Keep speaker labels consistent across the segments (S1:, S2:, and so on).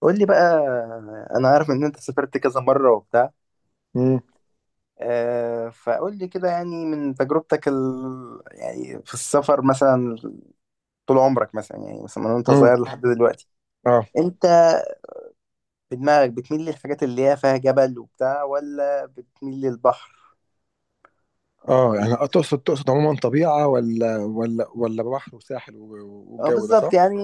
S1: قول لي بقى، انا عارف ان انت سافرت كذا مره وبتاع.
S2: امم
S1: فقول لي كده، يعني من تجربتك يعني في السفر مثلا، طول عمرك مثلا يعني مثلا من وانت
S2: امم
S1: صغير لحد دلوقتي.
S2: اه
S1: انت في دماغك بتميل للحاجات اللي هي فيها جبل وبتاع، ولا بتميل للبحر؟
S2: اه، يعني تقصد عموما طبيعة ولا ولا بحر وساحل
S1: اه
S2: والجو ده
S1: بالظبط
S2: صح؟
S1: يعني،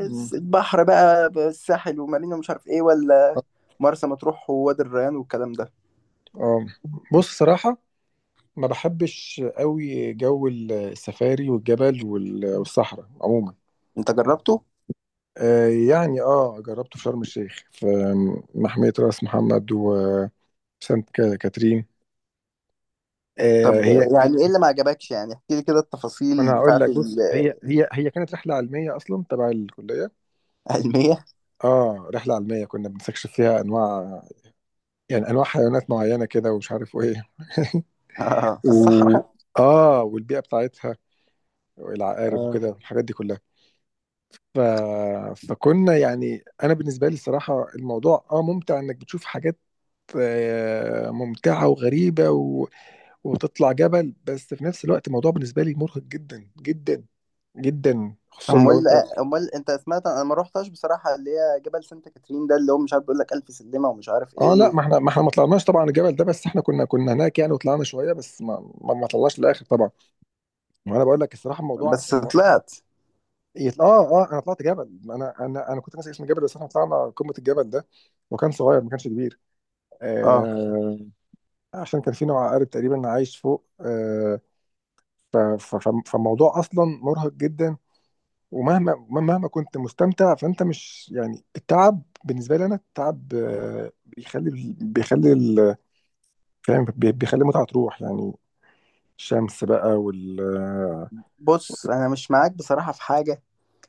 S2: امم
S1: البحر بقى، الساحل ومارينا ومش عارف ايه، ولا مرسى مطروح ووادي الريان والكلام ده.
S2: اه، بص صراحة، ما بحبش قوي جو السفاري والجبل والصحراء عموما.
S1: انت جربته؟
S2: آه يعني اه جربته في شرم الشيخ في محمية راس محمد وسانت كاترين.
S1: طب
S2: آه هي.
S1: يعني ايه اللي ما عجبكش، يعني احكي لي كده
S2: ما انا
S1: التفاصيل
S2: هقول
S1: بتاعت
S2: لك، بص، هي كانت رحلة علمية اصلا تبع الكلية.
S1: العلمية.
S2: اه رحلة علمية كنا بنستكشف فيها انواع، يعني انواع حيوانات معينه كده ومش عارف ايه
S1: آه، في
S2: و
S1: الصحراء.
S2: اه والبيئه بتاعتها والعقارب
S1: آه.
S2: وكده الحاجات دي كلها. ف... فكنا يعني، انا بالنسبه لي الصراحه الموضوع اه ممتع انك بتشوف حاجات ممتعه وغريبه وتطلع جبل، بس في نفس الوقت الموضوع بالنسبه لي مرهق جدا جدا جدا، خصوصا لو انت...
S1: امال، انت سمعت، انا ما روحتش بصراحه، اللي هي جبل سانت كاترين ده اللي هو مش عارف، بيقول لك الف سلمه ومش عارف
S2: اه
S1: ايه
S2: لا، ما احنا ما احنا ما طلعناش طبعا الجبل ده، بس احنا كنا هناك يعني وطلعنا شويه، بس ما طلعناش للاخر طبعا. وانا بقول لك الصراحه الموضوع
S1: بس طلعت؟
S2: يطل... اه اه انا طلعت جبل، انا كنت ناسي اسم الجبل، بس احنا طلعنا قمه الجبل ده وكان صغير ما كانش كبير.
S1: اه،
S2: آه عشان كان في نوع عقارب تقريبا عايش فوق آه. فالموضوع اصلا مرهق جدا، ومهما كنت مستمتع فانت مش يعني، التعب بالنسبه لي، انا التعب آه بيخلي، بيخلي ال- بيخلي المتعه تروح يعني. الشمس بقى وال...
S1: بص انا مش معاك بصراحه في حاجه،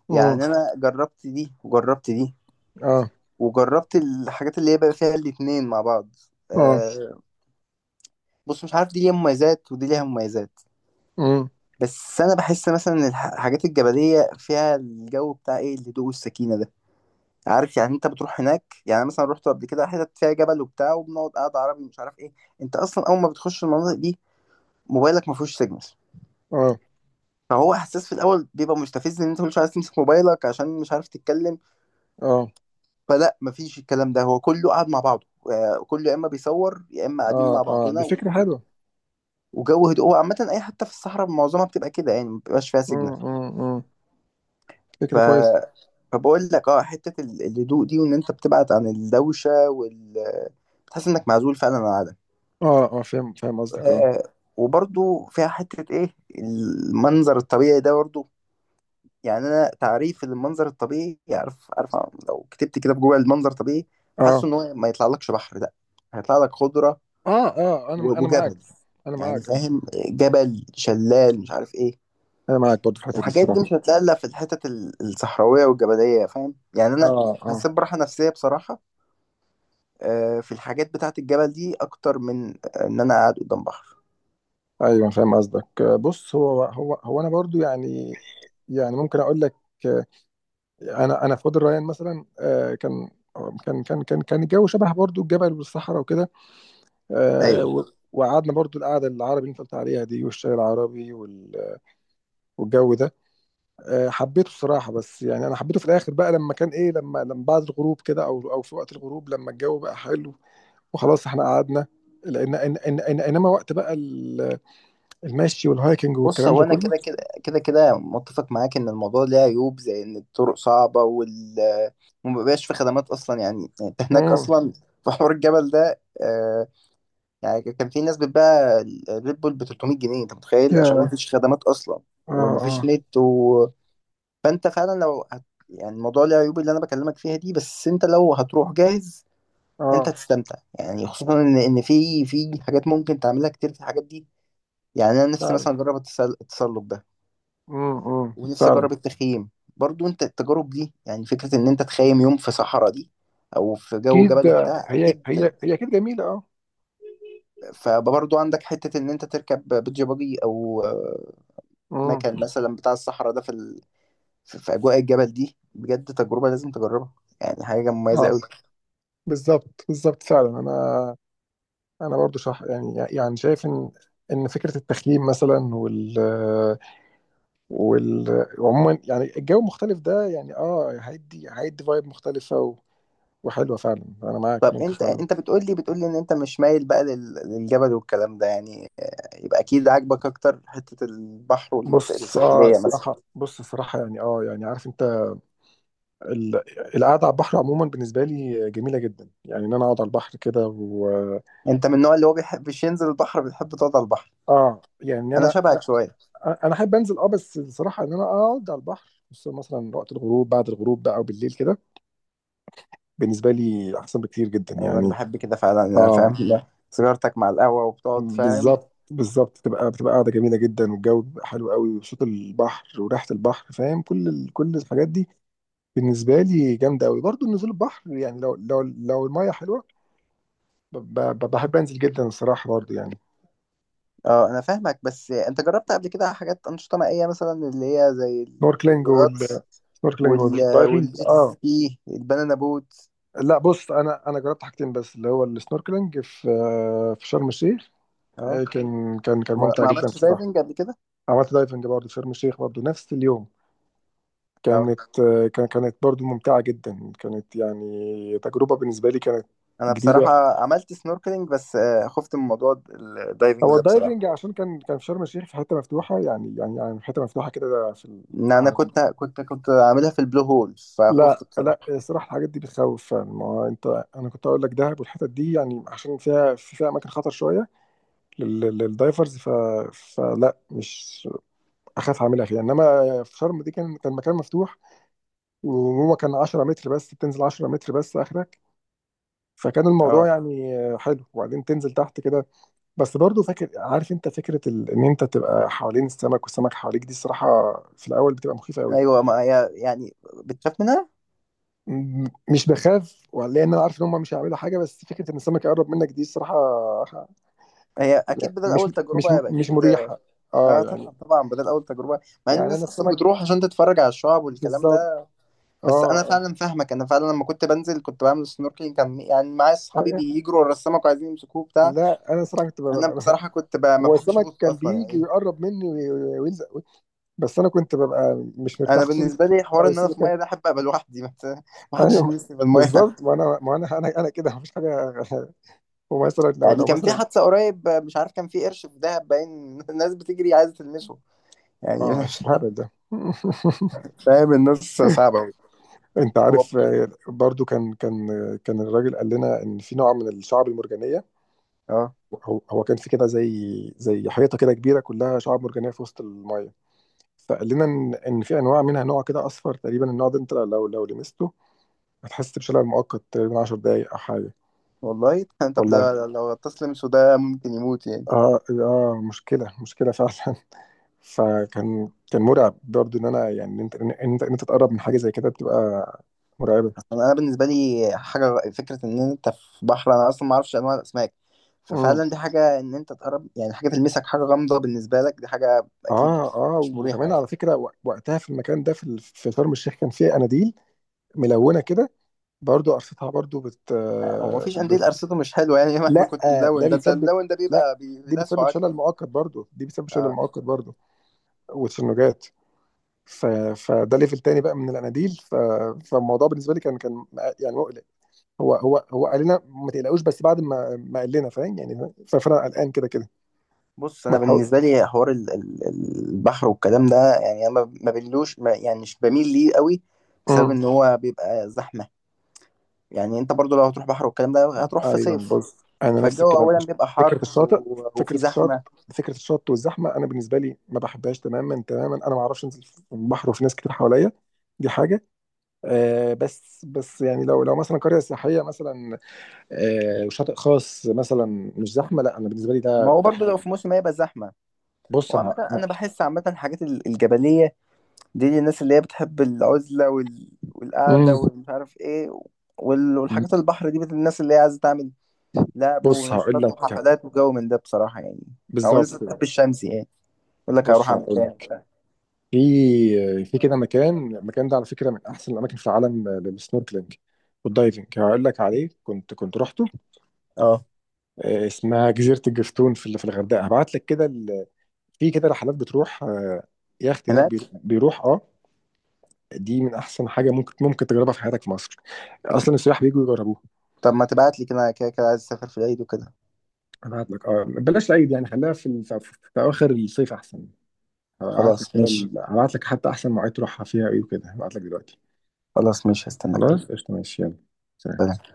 S2: اه
S1: يعني انا جربت دي وجربت دي
S2: اه
S1: وجربت الحاجات اللي هي بقى فيها الاتنين مع بعض.
S2: اه
S1: آه. بص، مش عارف، دي ليها مميزات ودي ليها مميزات،
S2: اه
S1: بس انا بحس مثلا إن الحاجات الجبليه فيها الجو بتاع ايه، الهدوء والسكينه ده، عارف يعني. انت بتروح هناك، يعني مثلا رحت قبل كده حتت فيها جبل وبتاع، وبنقعد قاعده عربي مش عارف ايه. انت اصلا اول ما بتخش المناطق دي موبايلك ما فيهوش سيجنال،
S2: اه
S1: فهو احساس في الاول بيبقى مستفز ان انت مش عايز تمسك موبايلك عشان مش عارف تتكلم.
S2: اه
S1: فلا، مفيش الكلام ده، هو كله قاعد مع بعضه. آه، كله يا اما بيصور يا اما قاعدين مع
S2: اه،
S1: بعضنا
S2: دي فكره حلوه.
S1: وجو هدوء. هو عامه اي حته في الصحراء معظمها بتبقى كده، يعني ما بيبقاش فيها سيجنال.
S2: مم، مم، مم.
S1: ف
S2: فكرة كويسة.
S1: فبقول لك اه، حته الهدوء دي، وان انت بتبعد عن الدوشه بتحس انك معزول فعلا عن العالم.
S2: اه اه فاهم، فاهم قصدك، اه
S1: آه، وبرضو فيها حتة ايه، المنظر الطبيعي ده برضو. يعني انا تعريف المنظر الطبيعي عارف، لو كتبت كده في جوجل المنظر الطبيعي،
S2: اه
S1: حاسه ان هو ما يطلعلكش بحر ده، هيطلع لك خضرة
S2: اه اه انا انا معاك،
S1: وجبل،
S2: انا
S1: يعني
S2: معاك اه.
S1: فاهم، جبل، شلال، مش عارف ايه.
S2: انا معاك برضو في الحتة دي
S1: الحاجات
S2: الصراحة.
S1: دي مش هتلاقي الا في الحتت الصحراوية والجبلية، فاهم يعني. انا
S2: اه اه
S1: حسيت براحة نفسية بصراحة، آه، في الحاجات بتاعت الجبل دي اكتر من آه، ان انا قاعد قدام بحر.
S2: ايوه فاهم قصدك. آه، بص هو انا برضو يعني، يعني ممكن اقول لك، آه، انا في وادي الريان مثلا آه، كان الجو شبه برضو الجبل والصحراء وكده. آه،
S1: ايوه،
S2: وقعدنا برضو القعده العربي اللي انت قلت عليها دي والشاي العربي والجو ده. آه، حبيته الصراحه، بس يعني انا حبيته في الاخر بقى لما كان ايه، لما بعد الغروب كده، او او في وقت الغروب لما الجو بقى حلو وخلاص احنا قعدنا، لان إن إن إن انما وقت بقى المشي والهايكنج
S1: بص،
S2: والكلام
S1: هو
S2: ده
S1: انا
S2: كله.
S1: كده كده متفق معاك ان الموضوع ليه عيوب، زي ان الطرق صعبه ومبقاش في خدمات اصلا، يعني. انت هناك
S2: امم
S1: اصلا في حوار الجبل ده، آه. يعني كان في ناس بتباع الريد بول ب 300 جنيه، انت متخيل؟ عشان
S2: يا
S1: مفيش خدمات اصلا
S2: اه
S1: ومفيش
S2: اه
S1: نت فانت فعلا لو يعني الموضوع ليه عيوب اللي انا بكلمك فيها دي، بس انت لو هتروح جاهز انت
S2: اه
S1: هتستمتع. يعني خصوصا ان في حاجات ممكن تعملها كتير في الحاجات دي. يعني انا نفسي
S2: فعلا.
S1: مثلا اجرب التسلق، ونفسي
S2: فعلا.
S1: اجرب التخييم. برضو انت التجارب دي يعني، فكرة ان انت تخيم يوم في صحراء دي او في جو
S2: اكيد
S1: جبل بتاع،
S2: هي
S1: اكيد.
S2: هي هي اكيد جميله اه.
S1: فبرضو عندك حتة ان انت تركب بيتش باجي، او آه، مكان
S2: امم
S1: مثلا بتاع الصحراء ده في في اجواء الجبل دي، بجد تجربة لازم تجربها، يعني حاجة مميزة
S2: اه
S1: قوي.
S2: بالظبط بالظبط فعلا، انا انا برضو شح يعني، يعني شايف ان فكره التخييم مثلا وعموما يعني الجو المختلف ده، يعني اه هيدي فايب مختلفة وحلوة فعلا. انا معاك
S1: طب
S2: ممكن
S1: انت
S2: فعلا.
S1: بتقول لي ان انت مش مايل بقى للجبل والكلام ده، يعني آه، يبقى اكيد عاجبك اكتر حتة البحر والمناطق
S2: بص اه
S1: الساحلية مثلا.
S2: الصراحة، بص الصراحة يعني اه يعني عارف انت ال... القعدة على البحر عموما بالنسبة لي جميلة جدا، يعني ان انا اقعد على البحر كده و...
S1: انت من النوع اللي هو بيحبش ينزل البحر، بيحب تقعد على البحر؟
S2: اه يعني
S1: انا
S2: انا
S1: شبهك
S2: لا،
S1: شوية.
S2: انا احب انزل اه، بس الصراحة ان انا اقعد على البحر خصوصا مثلا وقت الغروب، بعد الغروب بقى، او بالليل كده بالنسبة لي احسن بكتير جدا
S1: ايوه، انا
S2: يعني.
S1: بحب كده فعلا، انا فاهم
S2: اه
S1: سيجارتك مع القهوه وبتقعد، فاهم.
S2: بالظبط بالظبط، تبقى قاعده جميله جدا، والجو بيبقى حلو قوي، وصوت البحر وريحه البحر، فاهم، كل كل الحاجات دي بالنسبه لي جامده قوي. برضو نزول البحر يعني، لو لو الميه حلوه بحب انزل جدا الصراحه برضو يعني.
S1: اه، انا فاهمك، بس انت جربت قبل كده حاجات انشطه مائيه مثلا، اللي هي زي
S2: سنوركلينج وال...
S1: الغطس
S2: سنوركلينج
S1: وال
S2: والدايفنج
S1: والجيت
S2: اه.
S1: سكي، البنانا بوت.
S2: لا بص، انا جربت حاجتين بس، اللي هو السنوركلينج في في شرم الشيخ.
S1: اه،
S2: آه، كان
S1: ما
S2: ممتع
S1: ما
S2: جدا
S1: عملتش
S2: الصراحه.
S1: دايفنج قبل كده.
S2: عملت دايفنج برضو في شرم الشيخ برضو نفس اليوم.
S1: اه.
S2: كانت آه، كانت برضو ممتعة جدا، كانت يعني تجربة بالنسبة لي كانت
S1: انا
S2: جديدة.
S1: بصراحه عملت سنوركلينج بس آه، خفت من موضوع الدايفنج
S2: هو
S1: ده بصراحه،
S2: الدايفنج عشان كان في شرم الشيخ في حتة مفتوحة يعني، يعني في حتة مفتوحة كده في
S1: ان انا
S2: على-
S1: كنت عاملها في البلو هول، فخفت
S2: لا
S1: بصراحه.
S2: لا، الصراحة الحاجات دي بتخوف فعلا. ما هو انت، انا كنت اقول لك دهب والحتت دي يعني، عشان فيها، في فيها اماكن خطر شوية للدايفرز. فلا، مش اخاف اعملها فيها، انما في شرم دي كان مكان مفتوح. وهو كان 10 متر بس، بتنزل 10 متر بس اخرك. فكان الموضوع
S1: اه.
S2: يعني حلو، وبعدين تنزل تحت كده. بس برضو فاكر، عارف انت فكره ان انت تبقى حوالين السمك والسمك حواليك، دي الصراحه في الاول بتبقى مخيفه قوي.
S1: ايوه ما هي يعني، بتخاف منها.
S2: مش بخاف، لان انا عارف ان هم مش هيعملوا حاجه، بس فكره ان السمك يقرب منك دي الصراحه
S1: هي اكيد بدل
S2: مش
S1: اول
S2: مش
S1: تجربه يبقى
S2: مش
S1: اكيد.
S2: مريحه اه
S1: اه، طبعا
S2: يعني.
S1: طبعا، بدل اول تجربه، مع ان
S2: يعني انا
S1: الناس اصلا
S2: السمك
S1: بتروح عشان تتفرج على الشعاب والكلام
S2: بالظبط
S1: ده. بس انا
S2: اه.
S1: فعلا فاهمك، انا فعلا لما كنت بنزل كنت بعمل سنوركلينج، كان يعني معايا اصحابي
S2: آه.
S1: بيجروا ورا السمك وعايزين يمسكوه بتاع.
S2: لا انا الصراحه كنت ببقى
S1: انا
S2: ببقى-
S1: بصراحه كنت ما
S2: هو
S1: بحبش
S2: السمك
S1: ابص
S2: كان
S1: اصلا
S2: بيجي
S1: يعني.
S2: ويقرب مني ويلزق، بس انا كنت ببقى مش مرتاح،
S1: انا
S2: خصوصا
S1: بالنسبه لي حوار
S2: لو
S1: ان انا في
S2: السمك...
S1: الميه ده، احب ابقى لوحدي ما حدش
S2: ايوه
S1: يلمسني في الميه.
S2: بالظبط، ما انا كده مفيش حاجه ومثلا لو
S1: يعني كان في
S2: مثلا...
S1: حادثه قريب مش عارف، كان في قرش في دهب باين، الناس بتجري عايزه تلمسه يعني،
S2: اه هبل ده
S1: فاهم، الناس صعبه أوي.
S2: انت
S1: هو-
S2: عارف آه، برضو كان كان آه، كان الراجل قال لنا ان في نوع من الشعب المرجانيه.
S1: اه
S2: هو كان في كده زي، زي حيطه كده كبيره كلها شعاب مرجانيه في وسط الميه. فقال لنا ان في انواع منها، نوع كده اصفر تقريبا، النوع ده انت لو لمسته هتحس بشلل مؤقت تقريبا 10 دقائق او حاجه.
S1: والله. طب
S2: والله
S1: ده لو غطاس لمسه ده ممكن يموت يعني.
S2: اه اه مشكله، مشكله فعلا. فكان مرعب برضه، ان انا يعني، ان انت تتقرب من حاجه زي كده بتبقى مرعبه.
S1: أنا بالنسبه لي حاجه، فكره ان انت في بحر، انا اصلا ما اعرفش انواع الاسماك.
S2: امم
S1: ففعلا دي حاجه، ان انت تقرب يعني حاجه تلمسك، حاجه غامضه بالنسبه لك، دي حاجه اكيد
S2: اه اه
S1: مش مريحه
S2: وكمان
S1: يعني.
S2: على فكره وقتها في المكان ده في في شرم الشيخ كان فيه اناديل ملونه كده برضه قرصتها برضه
S1: آه، هو مفيش قنديل قرصته مش حلوه يعني مهما
S2: لا
S1: كنت
S2: آه، ده
S1: ملون، ده انت
S2: بيسبب،
S1: الملون ده
S2: لا،
S1: بيبقى
S2: دي بتسبب
S1: بيلسعه
S2: شلل
S1: اكتر.
S2: مؤقت برضه،
S1: آه.
S2: وتشنجات. ف... فده ليفل تاني بقى من الاناديل. فالموضوع بالنسبه لي كان يعني مقلق. هو قال لنا ما تقلقوش، بس بعد ما ما قال لنا فاهم يعني فانا قلقان كده كده.
S1: بص،
S2: ما
S1: انا
S2: تحاول.
S1: بالنسبه لي حوار البحر والكلام ده، يعني انا ما بميلوش ما، يعني مش بميل ليه قوي، بسبب
S2: امم
S1: ان هو بيبقى زحمه. يعني انت برضو لو هتروح بحر والكلام ده هتروح في
S2: ايوه
S1: صيف،
S2: بص، انا نفس
S1: فالجو
S2: الكلام.
S1: اولا بيبقى
S2: فكره
S1: حر
S2: الشاطئ فكره
S1: وفي
S2: الشاطئ،
S1: زحمه.
S2: فكره الشط والزحمه انا بالنسبه لي ما بحبهاش تماما تماما. انا ما اعرفش انزل في البحر وفي ناس كتير حواليا، دي حاجه. آه بس بس، يعني لو لو مثلا قريه سياحيه مثلا، آه وشاطئ خاص مثلا مش زحمه، لا انا بالنسبه لي ده
S1: ما هو
S2: ده
S1: برضه
S2: حاجه.
S1: لو في موسم هيبقى زحمة.
S2: بص
S1: وعامة
S2: انا...
S1: أنا بحس عامة الحاجات الجبلية دي للناس اللي هي بتحب العزلة والقعدة
S2: امم
S1: ومش عارف إيه. والحاجات البحر دي، الناس اللي هي عايزة تعمل لعب
S2: بص هقول
S1: ونشاطات
S2: لك،
S1: وحفلات وجو من ده بصراحة، يعني أو الناس
S2: بالظبط.
S1: اللي بتحب الشمس، يعني يقول لك هروح
S2: بص
S1: أعمل
S2: هقول
S1: إيه
S2: لك،
S1: وبتاع.
S2: في في كده مكان، المكان ده على فكره من احسن الاماكن في العالم للسنوركلينج والدايفنج. هقول لك عليه، كنت كنت رحته
S1: أه،
S2: آه، اسمها جزيره الجفتون في في الغردقه. هبعت لك كده في كده رحلات بتروح آه، يخت هناك
S1: هناك.
S2: بيروح اه. دي من احسن حاجه ممكن تجربها في حياتك في مصر، اصلا السياح بيجوا يجربوها.
S1: طب ما تبعت لي كده، أنا كده كده عايز أسافر في العيد وكده.
S2: هبعت لك اه. بلاش العيد يعني، خليها في في في اواخر الصيف احسن. هبعت لك
S1: خلاص
S2: كده
S1: ماشي.
S2: هبعت لك حتى احسن مواعيد تروحها فيها ايه وكده، هبعت لك دلوقتي.
S1: خلاص ماشي، هستناك.
S2: خلاص قشطه ماشي يلا، سلام.
S1: سلام.